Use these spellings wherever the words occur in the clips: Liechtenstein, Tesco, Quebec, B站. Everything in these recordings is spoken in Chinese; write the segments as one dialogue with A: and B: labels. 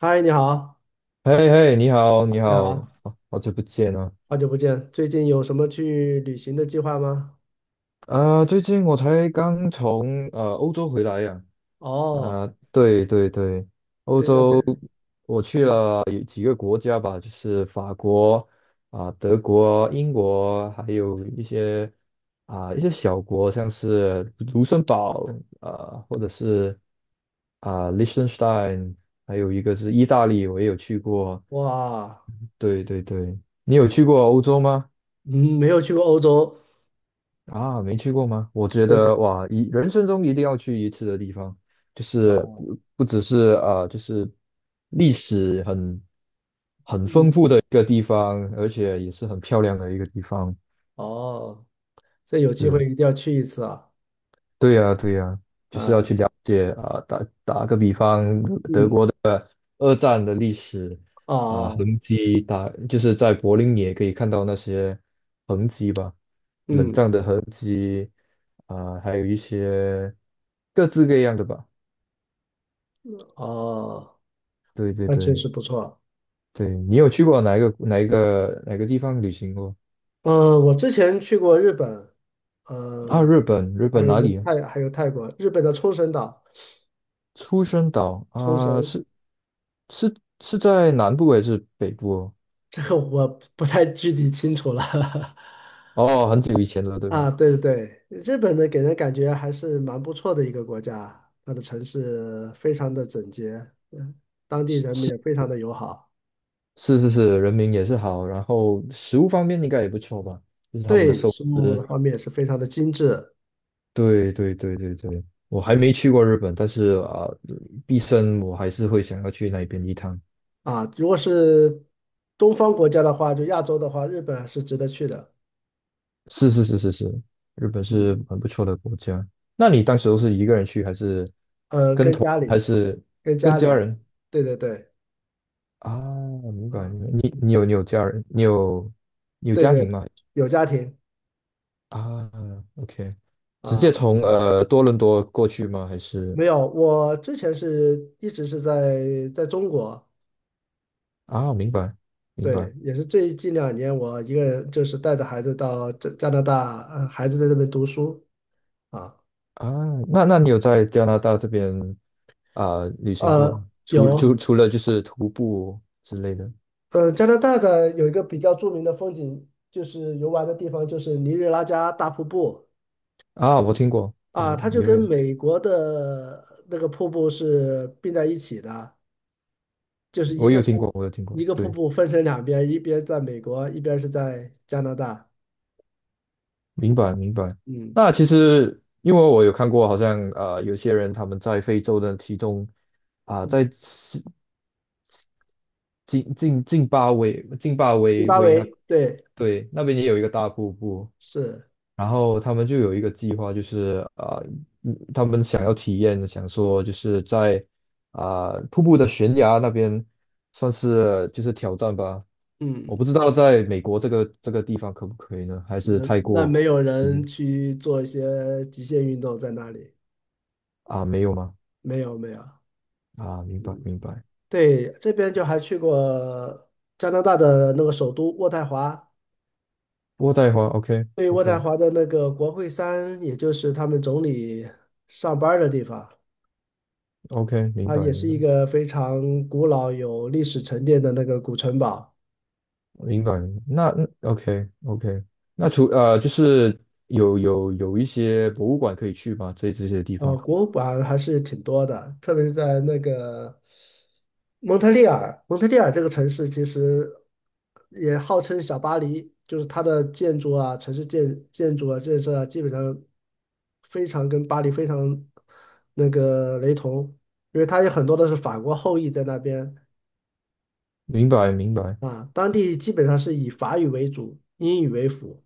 A: 嗨，你好，
B: 嘿嘿，你好，你
A: 你
B: 好，
A: 好，
B: 好久不见啊！
A: 好久不见。最近有什么去旅行的计划吗？
B: 啊，最近我才刚从欧洲回来呀、
A: 哦，
B: 啊，对对对，欧
A: 对，那边，
B: 洲我去
A: 嗯，
B: 了有几个国家吧，就是法国啊、德国、英国，还有一些啊、一些小国，像是卢森堡啊，或者是啊、Liechtenstein，还有一个是意大利，我也有去过。
A: 哇，
B: 对对对，你有去过欧洲吗？
A: 嗯，没有去过欧洲，
B: 啊，没去过吗？我觉
A: 对对，
B: 得哇，一人生中一定要去一次的地方，就是
A: 哦，
B: 不只是啊，就是历史很
A: 嗯，
B: 一个地方，而且也是很漂亮的一个地方。
A: 哦，这有机
B: 是，
A: 会一定要去一次啊，
B: 对呀，对呀，就是要
A: 啊，
B: 去了解啊、打个比方，德
A: 嗯，
B: 国的二战的历史啊、
A: 哦，
B: 痕迹，打就是在柏林也可以看到那些痕迹吧，冷
A: 嗯，
B: 战的痕迹啊、还有一些各式各样的吧。
A: 哦，
B: 对对
A: 那确
B: 对
A: 实不错。
B: 对，你有去过哪个地方旅行过
A: 我之前去过日本，
B: 啊？
A: 呃，
B: 日本，日
A: 还
B: 本
A: 有
B: 哪
A: 一个
B: 里啊？
A: 泰，还有泰国，日本的冲绳岛，
B: 出生岛
A: 冲
B: 啊，
A: 绳，
B: 是是在南部还是北部哦？
A: 这个我不太具体清楚了。
B: 哦，很久以前了，对吧？
A: 啊，对对对，日本呢给人感觉还是蛮不错的一个国家，它的城市非常的整洁，嗯，当地
B: 是
A: 人民
B: 是
A: 也非常的友好，
B: 是，人民也是好，然后食物方面应该也不错吧，就是他们的
A: 对
B: 寿
A: 生活的
B: 司。
A: 方面也是非常的精致
B: 对，我还没去过日本，但是啊，毕生我还是会想要去那边一趟。
A: 啊。如果是东方国家的话，就亚洲的话，日本还是值得去的，
B: 是，日本是
A: 嗯，
B: 很不错的国家。那你当时都是一个人去，还是
A: 跟家
B: 还
A: 里，
B: 是
A: 跟
B: 跟
A: 家
B: 家
A: 里，
B: 人
A: 对对对，
B: 啊？明白
A: 啊，
B: 明白。你有家人，你有
A: 对
B: 家
A: 对，
B: 庭吗？
A: 有家庭
B: 啊，OK，直接
A: 啊，
B: 从多伦多过去吗？还是
A: 没有，我之前是一直是在中国。
B: 啊，明白明白
A: 对，也是最近两年，我一个人就是带着孩子到加拿大，呃，孩子在这边读书啊，
B: 啊。那你有在加拿大这边啊、旅行过
A: 呃，
B: 吗？
A: 有，
B: 除了就是徒步之类的
A: 呃，加拿大的有一个比较著名的风景，就是游玩的地方，就是尼日拉加大瀑布
B: 啊，我听过听
A: 啊，
B: 过
A: 它就
B: 尼
A: 跟
B: 瑞，
A: 美国的那个瀑布是并在一起的，就是一个瀑
B: 我有听过，
A: 一个瀑
B: 对。
A: 布分成两边，一边在美国，一边是在加拿大，
B: 明白明白。
A: 嗯，
B: 那其实因为我有看过，好像啊，有些人他们在非洲的其中啊、在
A: 嗯，
B: 西津津津巴威津巴
A: 津
B: 威
A: 巴
B: 威那
A: 维，对，
B: 对那边也有一个大瀑布，
A: 是，
B: 然后他们就有一个计划，就是啊、嗯他们想要体验，想说就是在啊、瀑布的悬崖那边算是就是挑战吧。我
A: 嗯。
B: 不知道在美国这个地方可不可以呢？还是
A: 那
B: 泰
A: 那
B: 国
A: 没有人去做一些极限运动在那里？
B: 啊、没有吗？
A: 没有没有，
B: 啊，明白
A: 嗯，
B: 明白。
A: 对，这边就还去过加拿大的那个首都渥太华，
B: 渥太华
A: 对，渥太
B: ，OK，
A: 华的那个国会山，也就是他们总理上班儿的地方，
B: 明
A: 它
B: 白，
A: 也是一个非常古老有历史沉淀的那个古城堡。
B: 明白。那 OK，那除，就是有一些博物馆可以去吗？这些地
A: 呃，
B: 方，
A: 博物馆还是挺多的，特别是在那个蒙特利尔，蒙特利尔这个城市其实也号称小巴黎，就是它的建筑啊、城市建筑啊、建设啊，基本上非常跟巴黎非常那个雷同，因为它有很多都是法国后裔在那边
B: 明白，明白。
A: 啊，当地基本上是以法语为主，英语为辅。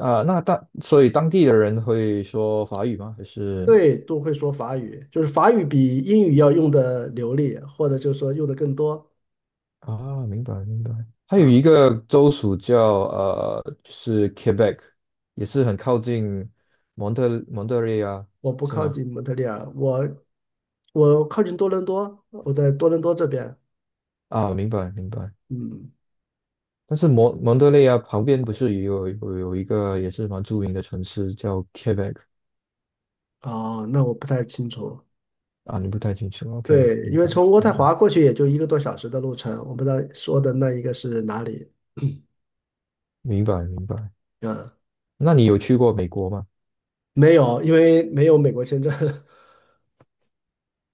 B: 啊、所以当地的人会说法语吗？还是
A: 对，都会说法语，就是法语比英语要用的流利，或者就是说用的更多
B: 啊，明白，明白。还有一
A: 啊。
B: 个州属叫，就是 Quebec，也是很靠近蒙特利尔，
A: 我不
B: 是
A: 靠
B: 吗？
A: 近蒙特利尔，我靠近多伦多，我在多伦多这边。
B: 啊，明白，明白。
A: 嗯，
B: 但是蒙蒙德利啊旁边不是也有一个也是蛮著名的城市叫 Quebec
A: 哦，那我不太清楚。
B: 啊？你不太清楚？OK，
A: 对，因为从渥
B: 明
A: 太
B: 白
A: 华过去也就一个多小时的路程，我不知道说的那一个是哪里。
B: 明白。
A: 嗯，
B: 那你有去过美国吗？
A: 没有，因为没有美国签证。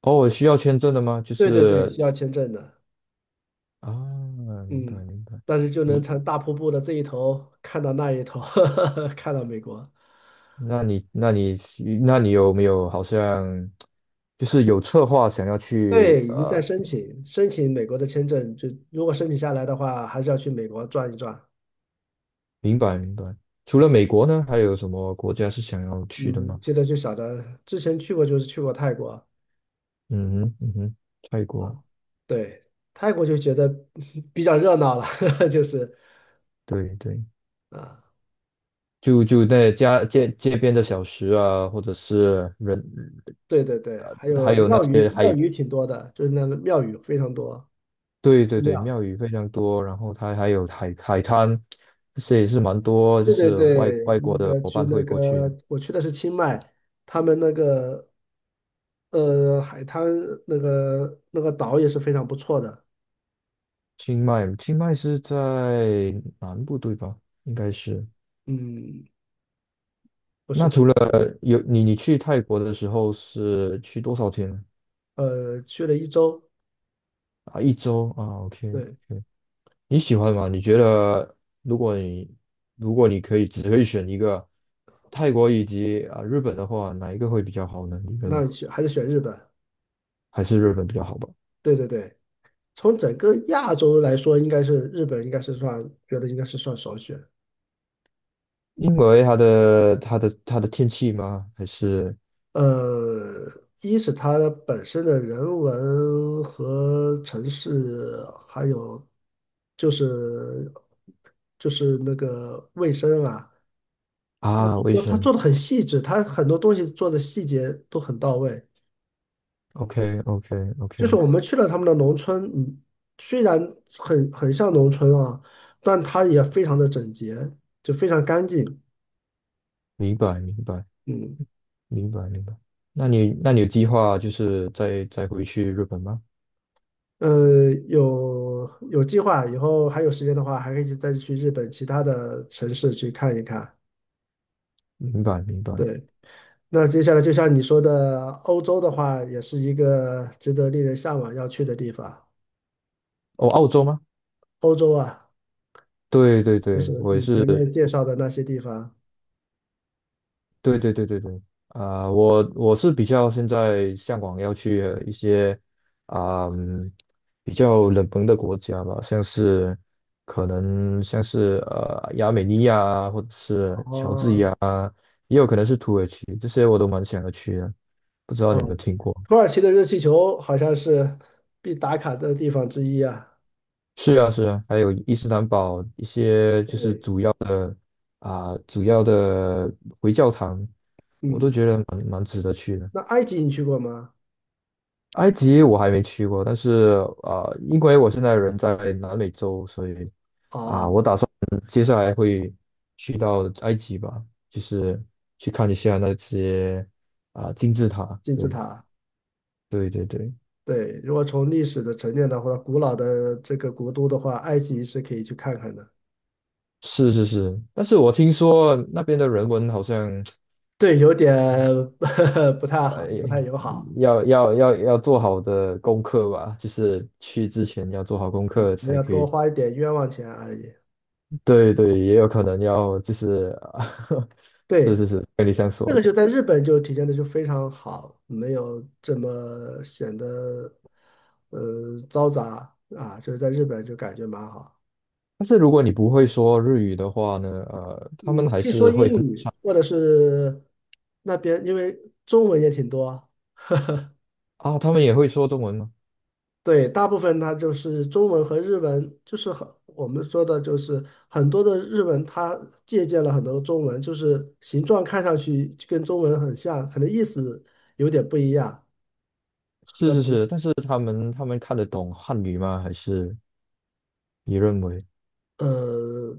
B: 哦，需要签证的吗？就
A: 对对对，
B: 是
A: 需要签证的。
B: 啊，明白
A: 嗯，
B: 明白。
A: 但是就能
B: 你
A: 从大瀑布的这一头看到那一头，看到美国。
B: 那你那你你有没有好像就是有策划想要
A: 对，
B: 去？
A: 已经在申请美国的签证，就如果申请下来的话，还是要去美国转一转。
B: 明白明白。除了美国呢，还有什么国家是想要去的
A: 嗯，
B: 吗？
A: 记得就晓得，之前去过就是去过泰国
B: 嗯哼嗯哼，泰
A: 啊，
B: 国，
A: 对，泰国就觉得 比较热闹了，就是
B: 对对。
A: 啊，
B: 就就在家街街边的小食啊，或者是人，
A: 对对对，
B: 呃
A: 还有庙宇，庙宇挺多的，就是那个庙宇非常多，
B: 对
A: 寺
B: 对对，
A: 庙，
B: 庙宇非常多，然后它还有海海滩，这些也是蛮多，就
A: 对对
B: 是外
A: 对，
B: 外国
A: 那
B: 的
A: 个
B: 伙
A: 去
B: 伴
A: 那
B: 会过去的。
A: 个我去的是清迈，他们那个呃海滩那个那个岛也是非常不错的，
B: 清迈，清迈是在南部对吧？应该是。
A: 嗯，不是
B: 那
A: 非
B: 除
A: 常，
B: 了有你，你去泰国的时候是去多少天
A: 呃，去了一周，
B: 啊？一周啊，OK，
A: 对，
B: 你喜欢吗？你觉得如果你如果你可以只可以选一个泰国以及啊、日本的话，哪一个会比较好呢？你认为
A: 那选还是选日本，
B: 还是日本比较好吧？
A: 对对对。从整个亚洲来说，应该是日本，应该是算，觉得应该是算首选。
B: 因为它的天气吗？还是
A: 呃，一是它本身的人文和城市，还有就是就是那个卫生啊，都
B: 啊卫
A: 都它做
B: 生
A: 的很细致，它很多东西做的细节都很到位。
B: ？OK OK
A: 就是
B: OK，
A: 我们去了他们的农村，嗯，虽然很像农村啊，但它也非常的整洁，就非常干净，
B: 明白明白
A: 嗯。
B: 明白。那你有计划就是再回去日本吗？
A: 呃，有有计划，以后还有时间的话，还可以再去日本其他的城市去看一看。
B: 明白明白。
A: 对，那接下来就像你说的，欧洲的话，也是一个值得令人向往要去的地方。
B: 哦，澳洲吗？
A: 欧洲啊，
B: 对对
A: 就
B: 对，
A: 是
B: 我也
A: 你
B: 是
A: 前面介绍的那些地方。
B: 对对对对对，啊、我我是比较现在向往要去一些啊、嗯比较冷门的国家吧，像是可能像是亚美尼亚啊或者是乔治
A: 哦，
B: 亚，也有可能是土耳其，这些我都蛮想要去的，不知道你有没有
A: 嗯，
B: 听过？
A: 土耳其的热气球好像是必打卡的地方之一啊。
B: 是啊是啊，还有伊斯兰堡一些就是
A: 对，
B: 主要的啊、主要的回教堂，我都
A: 嗯，
B: 觉得蛮值得去的。
A: 那埃及你去过吗？
B: 埃及我还没去过，但是啊，因为我现在人在南美洲，所以
A: 哦，
B: 嗯接下来会去到埃及吧，就是去看一下那些啊、金字塔。
A: 金字
B: 对
A: 塔。
B: 对对对，
A: 对，如果从历史的沉淀的话，古老的这个国都的话，埃及是可以去看看的。
B: 是是是。但是我听说那边的人文好像
A: 对，有点 不太
B: 呃
A: 好，不太友好
B: 要做好的功课吧，就是去之前要做好功
A: 啊，可
B: 课
A: 能
B: 才
A: 要
B: 可
A: 多
B: 以。
A: 花一点冤枉钱而已。
B: 对对，也有可能要就是，是
A: 对，
B: 是是，跟你这样说
A: 这个
B: 的。
A: 就在日本就体现的就非常好，没有这么显得嘈杂啊，就是在日本就感觉蛮好。
B: 但是如果你不会说日语的话呢，呃，他
A: 嗯，
B: 们还
A: 可以说
B: 是会
A: 英
B: 很
A: 语，或者是那边因为中文也挺多
B: 啊，他们也会说中文吗？
A: 对，大部分它就是中文和日文，就是很我们说的，就是很多的日文，它借鉴了很多的中文，就是形状看上去就跟中文很像，可能意思有点不一样，
B: 是
A: 和
B: 是
A: 不
B: 是，但是他们看得懂汉语吗？还是你认为
A: 呃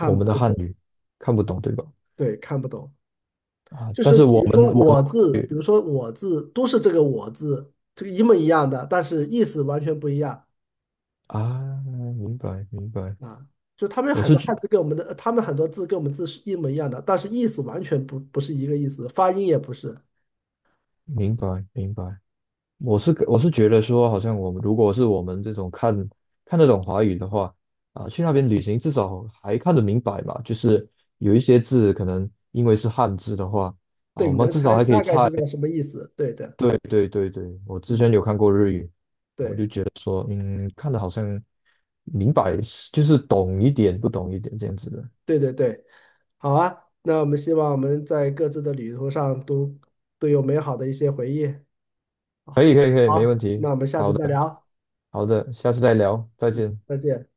B: 我们的
A: 不
B: 汉
A: 懂，
B: 语看不懂，对吧？
A: 对，看不懂。
B: 啊，
A: 就
B: 但
A: 是
B: 是
A: 比
B: 我
A: 如说
B: 们我们
A: 我字，比如说我字，都是这个我字，这个一模一样的，但是意思完全不一样。
B: 啊，明白明白，
A: 啊，就他们有
B: 我
A: 很
B: 是
A: 多
B: 觉
A: 汉字跟我们的，他们很多字跟我们字是一模一样的，但是意思完全不是一个意思，发音也不是。
B: 明白明白，我是觉得说，好像我们如果是我们这种看得懂华语的话，啊，去那边旅行至少还看得明白吧，就是有一些字可能因为是汉字的话，啊，
A: 对，
B: 我
A: 你
B: 们
A: 能
B: 至少
A: 猜
B: 还可以
A: 大概
B: 猜。
A: 是个什么意思？对的，
B: 对对对对，我之前
A: 嗯，
B: 有看过日语，
A: 对，
B: 说嗯，看得好像明白，就是懂一点不懂一点这样子的。
A: 对对对，好啊。那我们希望我们在各自的旅途上都有美好的一些回忆。
B: 可
A: 好，
B: 以可以可以，没问
A: 好，
B: 题。
A: 那我们下次再聊，
B: 好的，下次再聊，再见。
A: 再见。